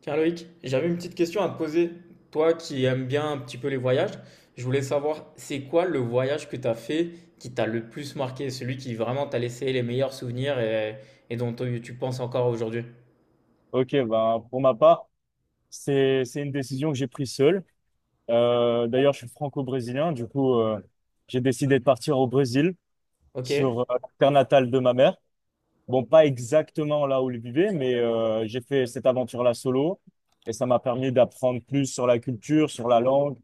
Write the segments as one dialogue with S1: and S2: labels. S1: Tiens Loïc, j'avais une petite question à te poser. Toi qui aimes bien un petit peu les voyages, je voulais savoir c'est quoi le voyage que tu as fait qui t'a le plus marqué, celui qui vraiment t'a laissé les meilleurs souvenirs et dont tu penses encore aujourd'hui.
S2: Ok, ben, pour ma part, c'est une décision que j'ai prise seule. D'ailleurs, je suis franco-brésilien, du coup, j'ai décidé de partir au Brésil
S1: Ok.
S2: sur la terre natale de ma mère. Bon, pas exactement là où elle vivait, mais j'ai fait cette aventure-là solo et ça m'a permis d'apprendre plus sur la culture, sur la langue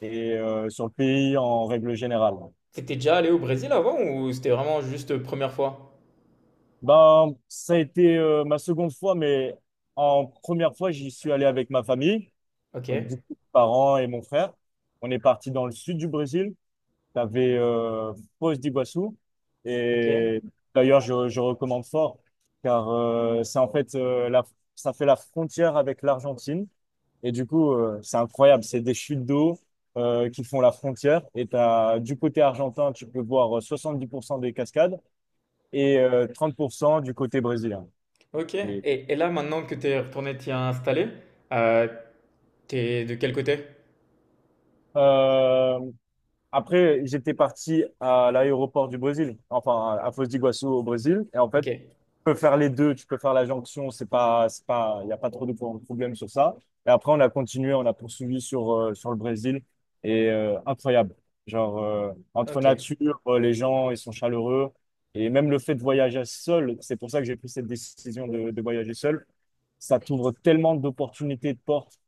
S2: et sur le pays en règle générale.
S1: T'étais déjà allé au Brésil avant ou c'était vraiment juste première fois?
S2: Ben, ça a été ma seconde fois, mais en première fois, j'y suis allé avec ma famille.
S1: Ok.
S2: Donc, du coup, mes parents et mon frère, on est parti dans le sud du Brésil. Tu avais Foz d'Iguaçu.
S1: Ok.
S2: Et d'ailleurs, je recommande fort, car c'est en fait, ça fait la frontière avec l'Argentine. Et du coup, c'est incroyable. C'est des chutes d'eau qui font la frontière. Et t'as, du côté argentin, tu peux voir 70% des cascades et 30% du côté brésilien.
S1: Ok.
S2: Et,
S1: Et là maintenant que tu es retourné t'y installer, euh, t'es de quel côté?
S2: euh, Après, j'étais parti à l'aéroport du Brésil, enfin à Foz do Iguaçu au Brésil. Et en fait,
S1: Ok.
S2: tu peux faire les deux, tu peux faire la jonction, c'est pas, il n'y a pas trop de problème sur ça. Et après, on a continué, on a poursuivi sur, sur le Brésil. Et incroyable. Genre, entre
S1: Ok.
S2: nature, les gens, ils sont chaleureux. Et même le fait de voyager seul, c'est pour ça que j'ai pris cette décision de voyager seul. Ça t'ouvre tellement d'opportunités, de portes.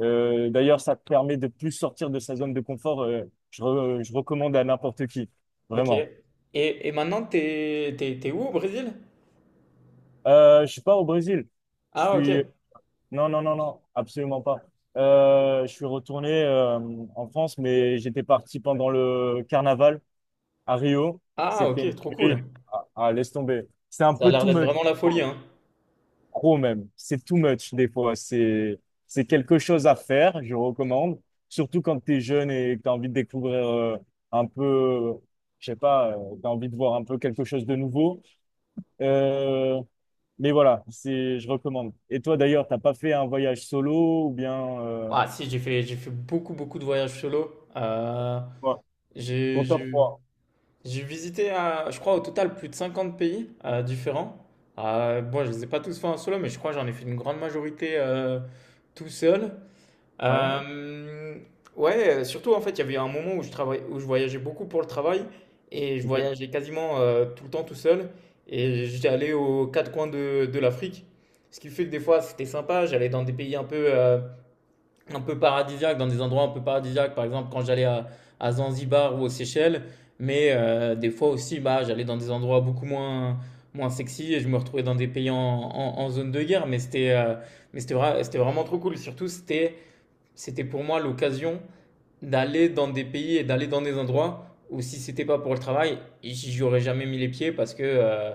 S2: D'ailleurs, ça permet de plus sortir de sa zone de confort. Je recommande à n'importe qui,
S1: Ok.
S2: vraiment.
S1: Et maintenant t'es où au Brésil?
S2: Je suis pas au Brésil. Je
S1: Ah ok.
S2: suis non, non, non, non, absolument pas. Je suis retourné en France, mais j'étais parti pendant le carnaval à Rio.
S1: Ah ok,
S2: C'était
S1: trop cool.
S2: Ah, ah, laisse tomber. C'est un
S1: Ça a
S2: peu
S1: l'air
S2: tout
S1: d'être
S2: meute.
S1: vraiment la folie, hein.
S2: Trop même. C'est too much des fois. C'est quelque chose à faire, je recommande. Surtout quand tu es jeune et que tu as envie de découvrir un peu, je sais pas, tu as envie de voir un peu quelque chose de nouveau. Euh, mais voilà, je recommande. Et toi d'ailleurs, t'as pas fait un voyage solo ou bien
S1: Ah si, j'ai fait beaucoup, beaucoup de voyages solo.
S2: quoi
S1: J'ai
S2: ton top
S1: j'ai-
S2: trois?
S1: j'ai visité, je crois, au total plus de 50 pays différents. Bon, je les ai pas tous fait en solo, mais je crois que j'en ai fait une grande majorité tout seul.
S2: Ouais,
S1: Euh, ouais, surtout en fait, il y avait un moment où je travaillais, où je voyageais beaucoup pour le travail et je
S2: ok.
S1: voyageais quasiment tout le temps tout seul et j'étais allé aux quatre coins de l'Afrique. Ce qui fait que des fois c'était sympa, j'allais dans des pays un peu paradisiaques, dans des endroits un peu paradisiaques, par exemple quand j'allais à Zanzibar ou aux Seychelles, mais des fois aussi bah, j'allais dans des endroits beaucoup moins, moins sexy et je me retrouvais dans des pays en zone de guerre, mais c'était c'était vraiment trop cool, surtout c'était pour moi l'occasion d'aller dans des pays et d'aller dans des endroits où si c'était pas pour le travail, j'y aurais jamais mis les pieds parce que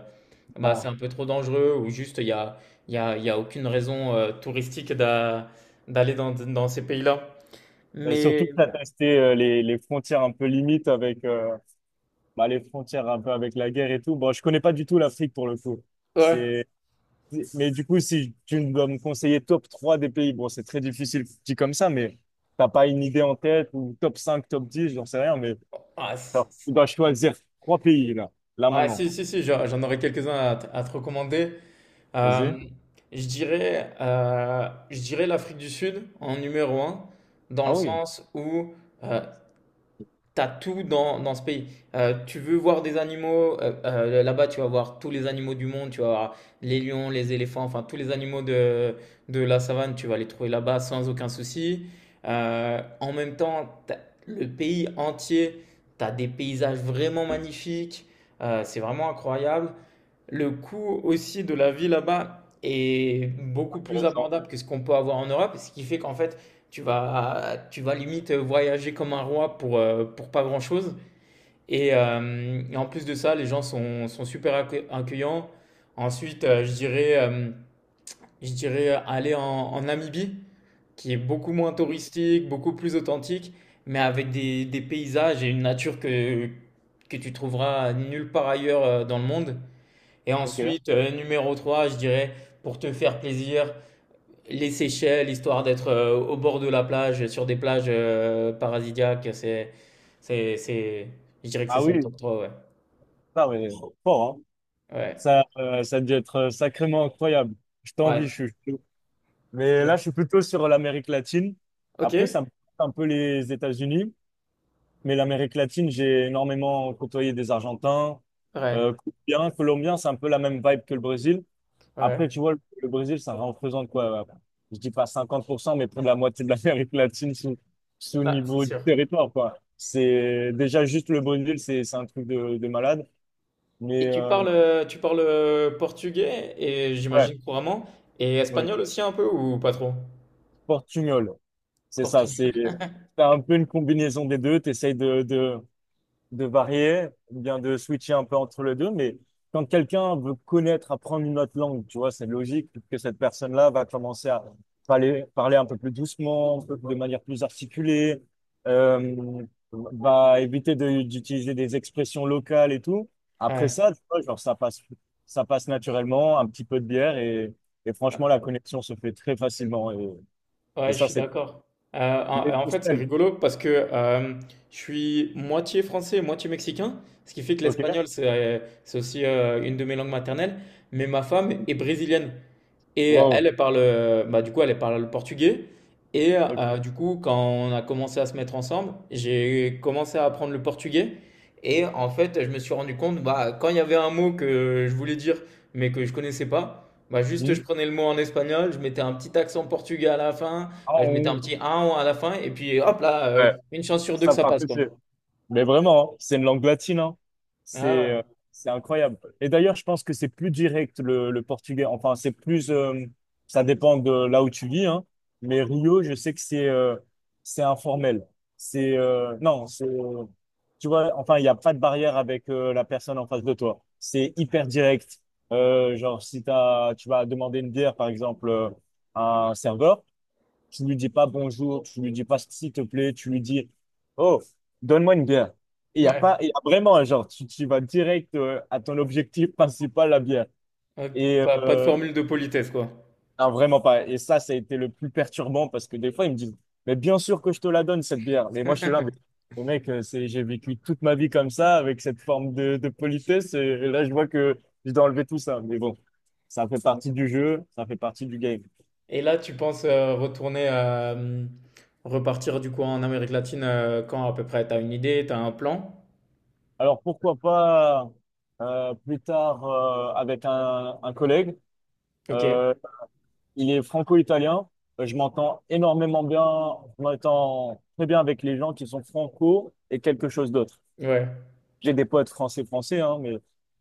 S1: bah, c'est
S2: Bon.
S1: un peu trop dangereux ou juste il y a aucune raison touristique d'aller dans, dans ces pays-là.
S2: Et surtout
S1: Mais
S2: que tu as testé les frontières un peu limites avec bah, les frontières un peu avec la guerre et tout. Bon, je connais pas du tout l'Afrique pour le coup.
S1: ouais,
S2: C'est Mais du coup, si tu dois me conseiller top 3 des pays, bon, c'est très difficile dit comme ça, mais t'as pas une idée en tête ou top 5 top dix, j'en sais rien, mais
S1: ah, si,
S2: alors,
S1: si-
S2: tu dois choisir trois pays là, là
S1: ouais,
S2: maintenant.
S1: si, j'en aurais quelques-uns à te recommander.
S2: Vas-y.
S1: Euh, je dirais l'Afrique du Sud en numéro un, dans
S2: Ah
S1: le
S2: oui,
S1: sens où euh, t'as tout dans, dans ce pays. Tu veux voir des animaux, là-bas tu vas voir tous les animaux du monde, tu vas voir les lions, les éléphants, enfin tous les animaux de la savane, tu vas les trouver là-bas sans aucun souci. En même temps, le pays entier, tu as des paysages vraiment magnifiques. C'est vraiment incroyable. Le coût aussi de la vie là-bas est beaucoup plus
S2: intéressant.
S1: abordable que ce qu'on peut avoir en Europe, ce qui fait qu'en fait, tu vas limite voyager comme un roi pour pas grand-chose. Et en plus de ça, sont super accueillants. Ensuite, je dirais aller en, en Namibie, qui est beaucoup moins touristique, beaucoup plus authentique, mais avec des paysages et une nature que tu trouveras nulle part ailleurs dans le monde. Et
S2: Ok.
S1: ensuite, numéro 3, je dirais, pour te faire plaisir, les Seychelles, histoire d'être au bord de la plage, sur des plages paradisiaques. C'est, c'est, je dirais que c'est
S2: Ah
S1: ça le
S2: oui,
S1: top trois, ouais.
S2: ça, mais fort, hein.
S1: Ouais,
S2: Ça, ça a dû être sacrément incroyable. Je
S1: ouais.
S2: t'envie, je suis chaud. Mais
S1: c'est-
S2: là, je suis plutôt sur l'Amérique latine.
S1: Ok,
S2: Après, ça me tente un peu les États-Unis. Mais l'Amérique latine, j'ai énormément côtoyé des Argentins,
S1: ouais,
S2: Colombiens. Colombiens, c'est un peu la même vibe que le Brésil. Après, tu
S1: ouais.
S2: vois, le Brésil, ça représente quoi? Je dis pas 50%, mais près de la moitié de l'Amérique latine sous, sous
S1: Ouais, c'est
S2: niveau du
S1: sûr.
S2: territoire, quoi. C'est déjà juste le Brésil, c'est un truc de malade. Mais
S1: Et
S2: euh,
S1: tu parles portugais, et
S2: ouais,
S1: j'imagine couramment, et
S2: oui.
S1: espagnol aussi un peu, ou pas trop?
S2: Portugnol, c'est ça.
S1: Portugais.
S2: C'est un peu une combinaison des deux. Tu essayes de varier, ou bien de switcher un peu entre les deux. Mais quand quelqu'un veut connaître, apprendre une autre langue, tu vois, c'est logique que cette personne-là va commencer à parler un peu plus doucement, un peu de manière plus articulée, euh, va éviter d'utiliser des expressions locales et tout. Après
S1: Ouais.
S2: ça, tu vois, genre, ça passe naturellement, un petit peu de bière et franchement, la connexion se fait très facilement. Et
S1: Ouais, je
S2: ça,
S1: suis
S2: c'est
S1: d'accord. Euh, en,
S2: les
S1: en fait, c'est
S2: hostels.
S1: rigolo parce que je suis moitié français, moitié mexicain, ce qui fait que
S2: OK?
S1: l'espagnol, c'est aussi une de mes langues maternelles, mais ma femme est brésilienne. Et elle,
S2: Wow.
S1: elle parle, bah, du coup, elle parle le portugais. Et
S2: Ok.
S1: du coup, quand on a commencé à se mettre ensemble, j'ai commencé à apprendre le portugais. Et en fait, je me suis rendu compte, bah, quand il y avait un mot que je voulais dire, mais que je connaissais pas, bah, juste
S2: Hmm.
S1: je prenais le mot en espagnol, je mettais un petit accent portugais à la fin,
S2: Ah,
S1: je mettais un
S2: ouais.
S1: petit un à la fin, et puis hop là,
S2: Ouais.
S1: une chance sur deux que
S2: Ça
S1: ça
S2: part.
S1: passe, quoi.
S2: Mais vraiment, hein, c'est une langue latine, hein. C'est euh,
S1: Ah
S2: c'est incroyable. Et d'ailleurs, je pense que c'est plus direct le portugais. Enfin, c'est plus, ça dépend de là où tu vis, hein. Mais Rio, je sais que c'est informel. C'est non, c'est tu vois, enfin, il n'y a pas de barrière avec la personne en face de toi. C'est hyper direct. Genre, si t'as, tu vas demander une bière, par exemple, à un serveur. Tu lui dis pas bonjour, tu lui dis pas s'il te plaît, tu lui dis oh, donne-moi une bière. Il
S1: ouais.
S2: y a
S1: Ouais.
S2: pas, il y a vraiment genre tu vas direct à ton objectif principal, la bière.
S1: Ok.
S2: Et
S1: Pas, pas de
S2: euh,
S1: formule de politesse, quoi.
S2: non, vraiment pas. Et ça a été le plus perturbant parce que des fois ils me disent mais bien sûr que je te la donne cette bière. Mais moi je suis là, mais mec, c'est j'ai vécu toute ma vie comme ça avec cette forme de politesse et là je vois que je dois enlever tout ça. Mais bon, ça fait partie du jeu, ça fait partie du game.
S1: Et là, tu penses retourner, repartir du coup en Amérique latine quand à peu près? T'as une idée, t'as un plan?
S2: Alors pourquoi pas plus tard avec un collègue.
S1: Ok,
S2: Euh, il est franco-italien. Je m'entends énormément bien. Je m'entends très bien avec les gens qui sont franco et quelque chose d'autre.
S1: ouais,
S2: J'ai des potes français-français, hein, mais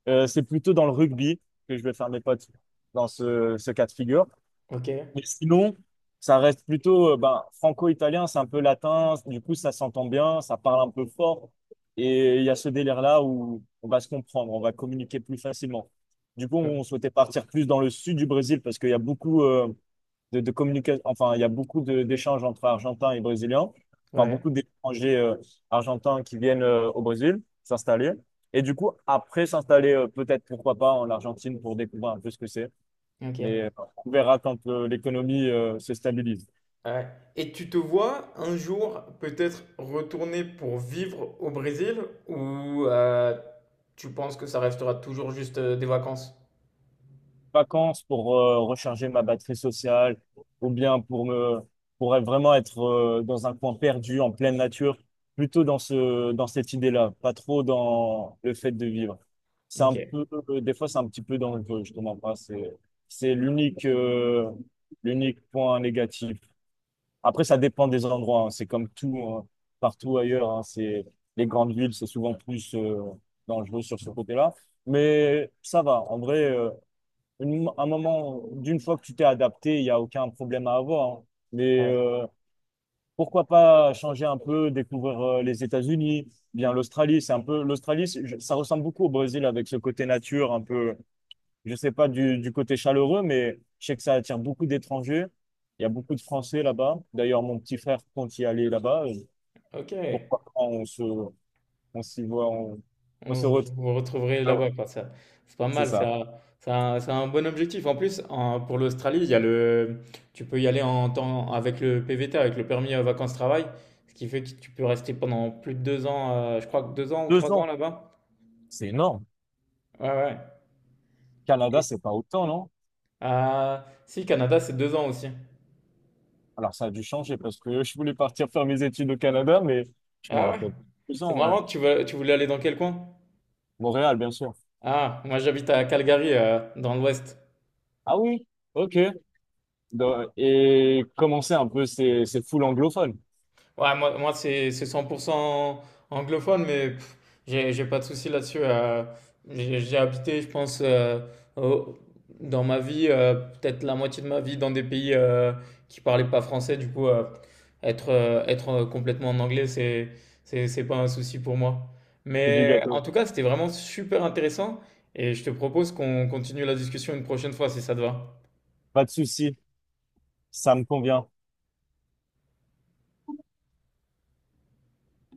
S2: c'est plutôt dans le rugby que je vais faire mes potes dans ce cas de figure.
S1: ok,
S2: Mais sinon, ça reste plutôt ben, franco-italien, c'est un peu latin, du coup ça s'entend bien, ça parle un peu fort, et il y a ce délire-là où on va se comprendre, on va communiquer plus facilement. Du coup,
S1: euh,
S2: on souhaitait partir plus dans le sud du Brésil parce qu'il y a beaucoup de communication, enfin il y a beaucoup d'échanges entre Argentins et Brésiliens, enfin
S1: ouais,
S2: beaucoup d'étrangers argentins qui viennent au Brésil s'installer, et du coup après s'installer peut-être pourquoi pas en Argentine pour découvrir un peu ce que c'est. Mais euh,
S1: ok.
S2: on verra quand l'économie se stabilise.
S1: Ouais. Et tu te vois un jour peut-être retourner pour vivre au Brésil ou tu penses que ça restera toujours juste des vacances?
S2: Vacances pour recharger ma batterie sociale ou bien pour vraiment être dans un coin perdu en pleine nature, plutôt dans ce dans cette idée-là, pas trop dans le fait de vivre. C'est un
S1: Ok,
S2: peu des fois c'est un petit peu dangereux, je te mens pas, c'est l'unique l'unique point négatif. Après, ça dépend des endroits, hein. C'est comme tout, hein, partout ailleurs, hein. C'est les grandes villes, c'est souvent plus dangereux sur ce côté-là. Mais ça va. En vrai, un moment, d'une fois que tu t'es adapté, il n'y a aucun problème à avoir, hein. Mais
S1: ouais,
S2: euh, Pourquoi pas changer un peu, découvrir les États-Unis, bien l'Australie. C'est un peu l'Australie, ça ressemble beaucoup au Brésil avec ce côté nature un peu. Je sais pas du côté chaleureux, mais je sais que ça attire beaucoup d'étrangers. Il y a beaucoup de Français là-bas. D'ailleurs, mon petit frère compte y aller là-bas.
S1: ok.
S2: Pourquoi pas, on se, on s'y voit, on se retrouve.
S1: Vous vous retrouverez
S2: Ah ouais.
S1: là-bas, quoi. Ça, c'est pas
S2: C'est
S1: mal,
S2: ça.
S1: ça, c'est un bon objectif. En plus, pour l'Australie, il y a le, tu peux y aller en temps avec le PVT, avec le permis vacances-travail, ce qui fait que tu peux rester pendant plus de deux ans, je crois que deux ans ou
S2: Deux
S1: trois ans
S2: ans,
S1: là-bas.
S2: c'est énorme.
S1: Ouais, ouais.
S2: Canada,
S1: Et-
S2: c'est pas autant, non?
S1: ah, si, Canada, c'est deux ans aussi.
S2: Alors, ça a dû changer parce que je voulais partir faire mes études au Canada, mais je m'en
S1: Ah ouais,
S2: rappelle. Deux
S1: c'est
S2: ans, ouais.
S1: marrant. Tu voulais aller dans quel coin?
S2: Montréal, bien sûr.
S1: Ah, moi j'habite à Calgary, dans l'Ouest.
S2: Ah oui? Ok. Et commencer un peu ces foules anglophones.
S1: Ouais, moi c'est 100% anglophone, mais pff, j'ai pas de souci là-dessus. J'ai habité, je pense, au- dans ma vie, peut-être la moitié de ma vie, dans des pays qui parlaient pas français. Du coup, être complètement en anglais, c'est c'est pas un souci pour moi.
S2: C'est du
S1: Mais en
S2: gâteau.
S1: tout cas, c'était vraiment super intéressant et je te propose qu'on continue la discussion une prochaine fois si ça te va.
S2: Pas de souci, ça me convient.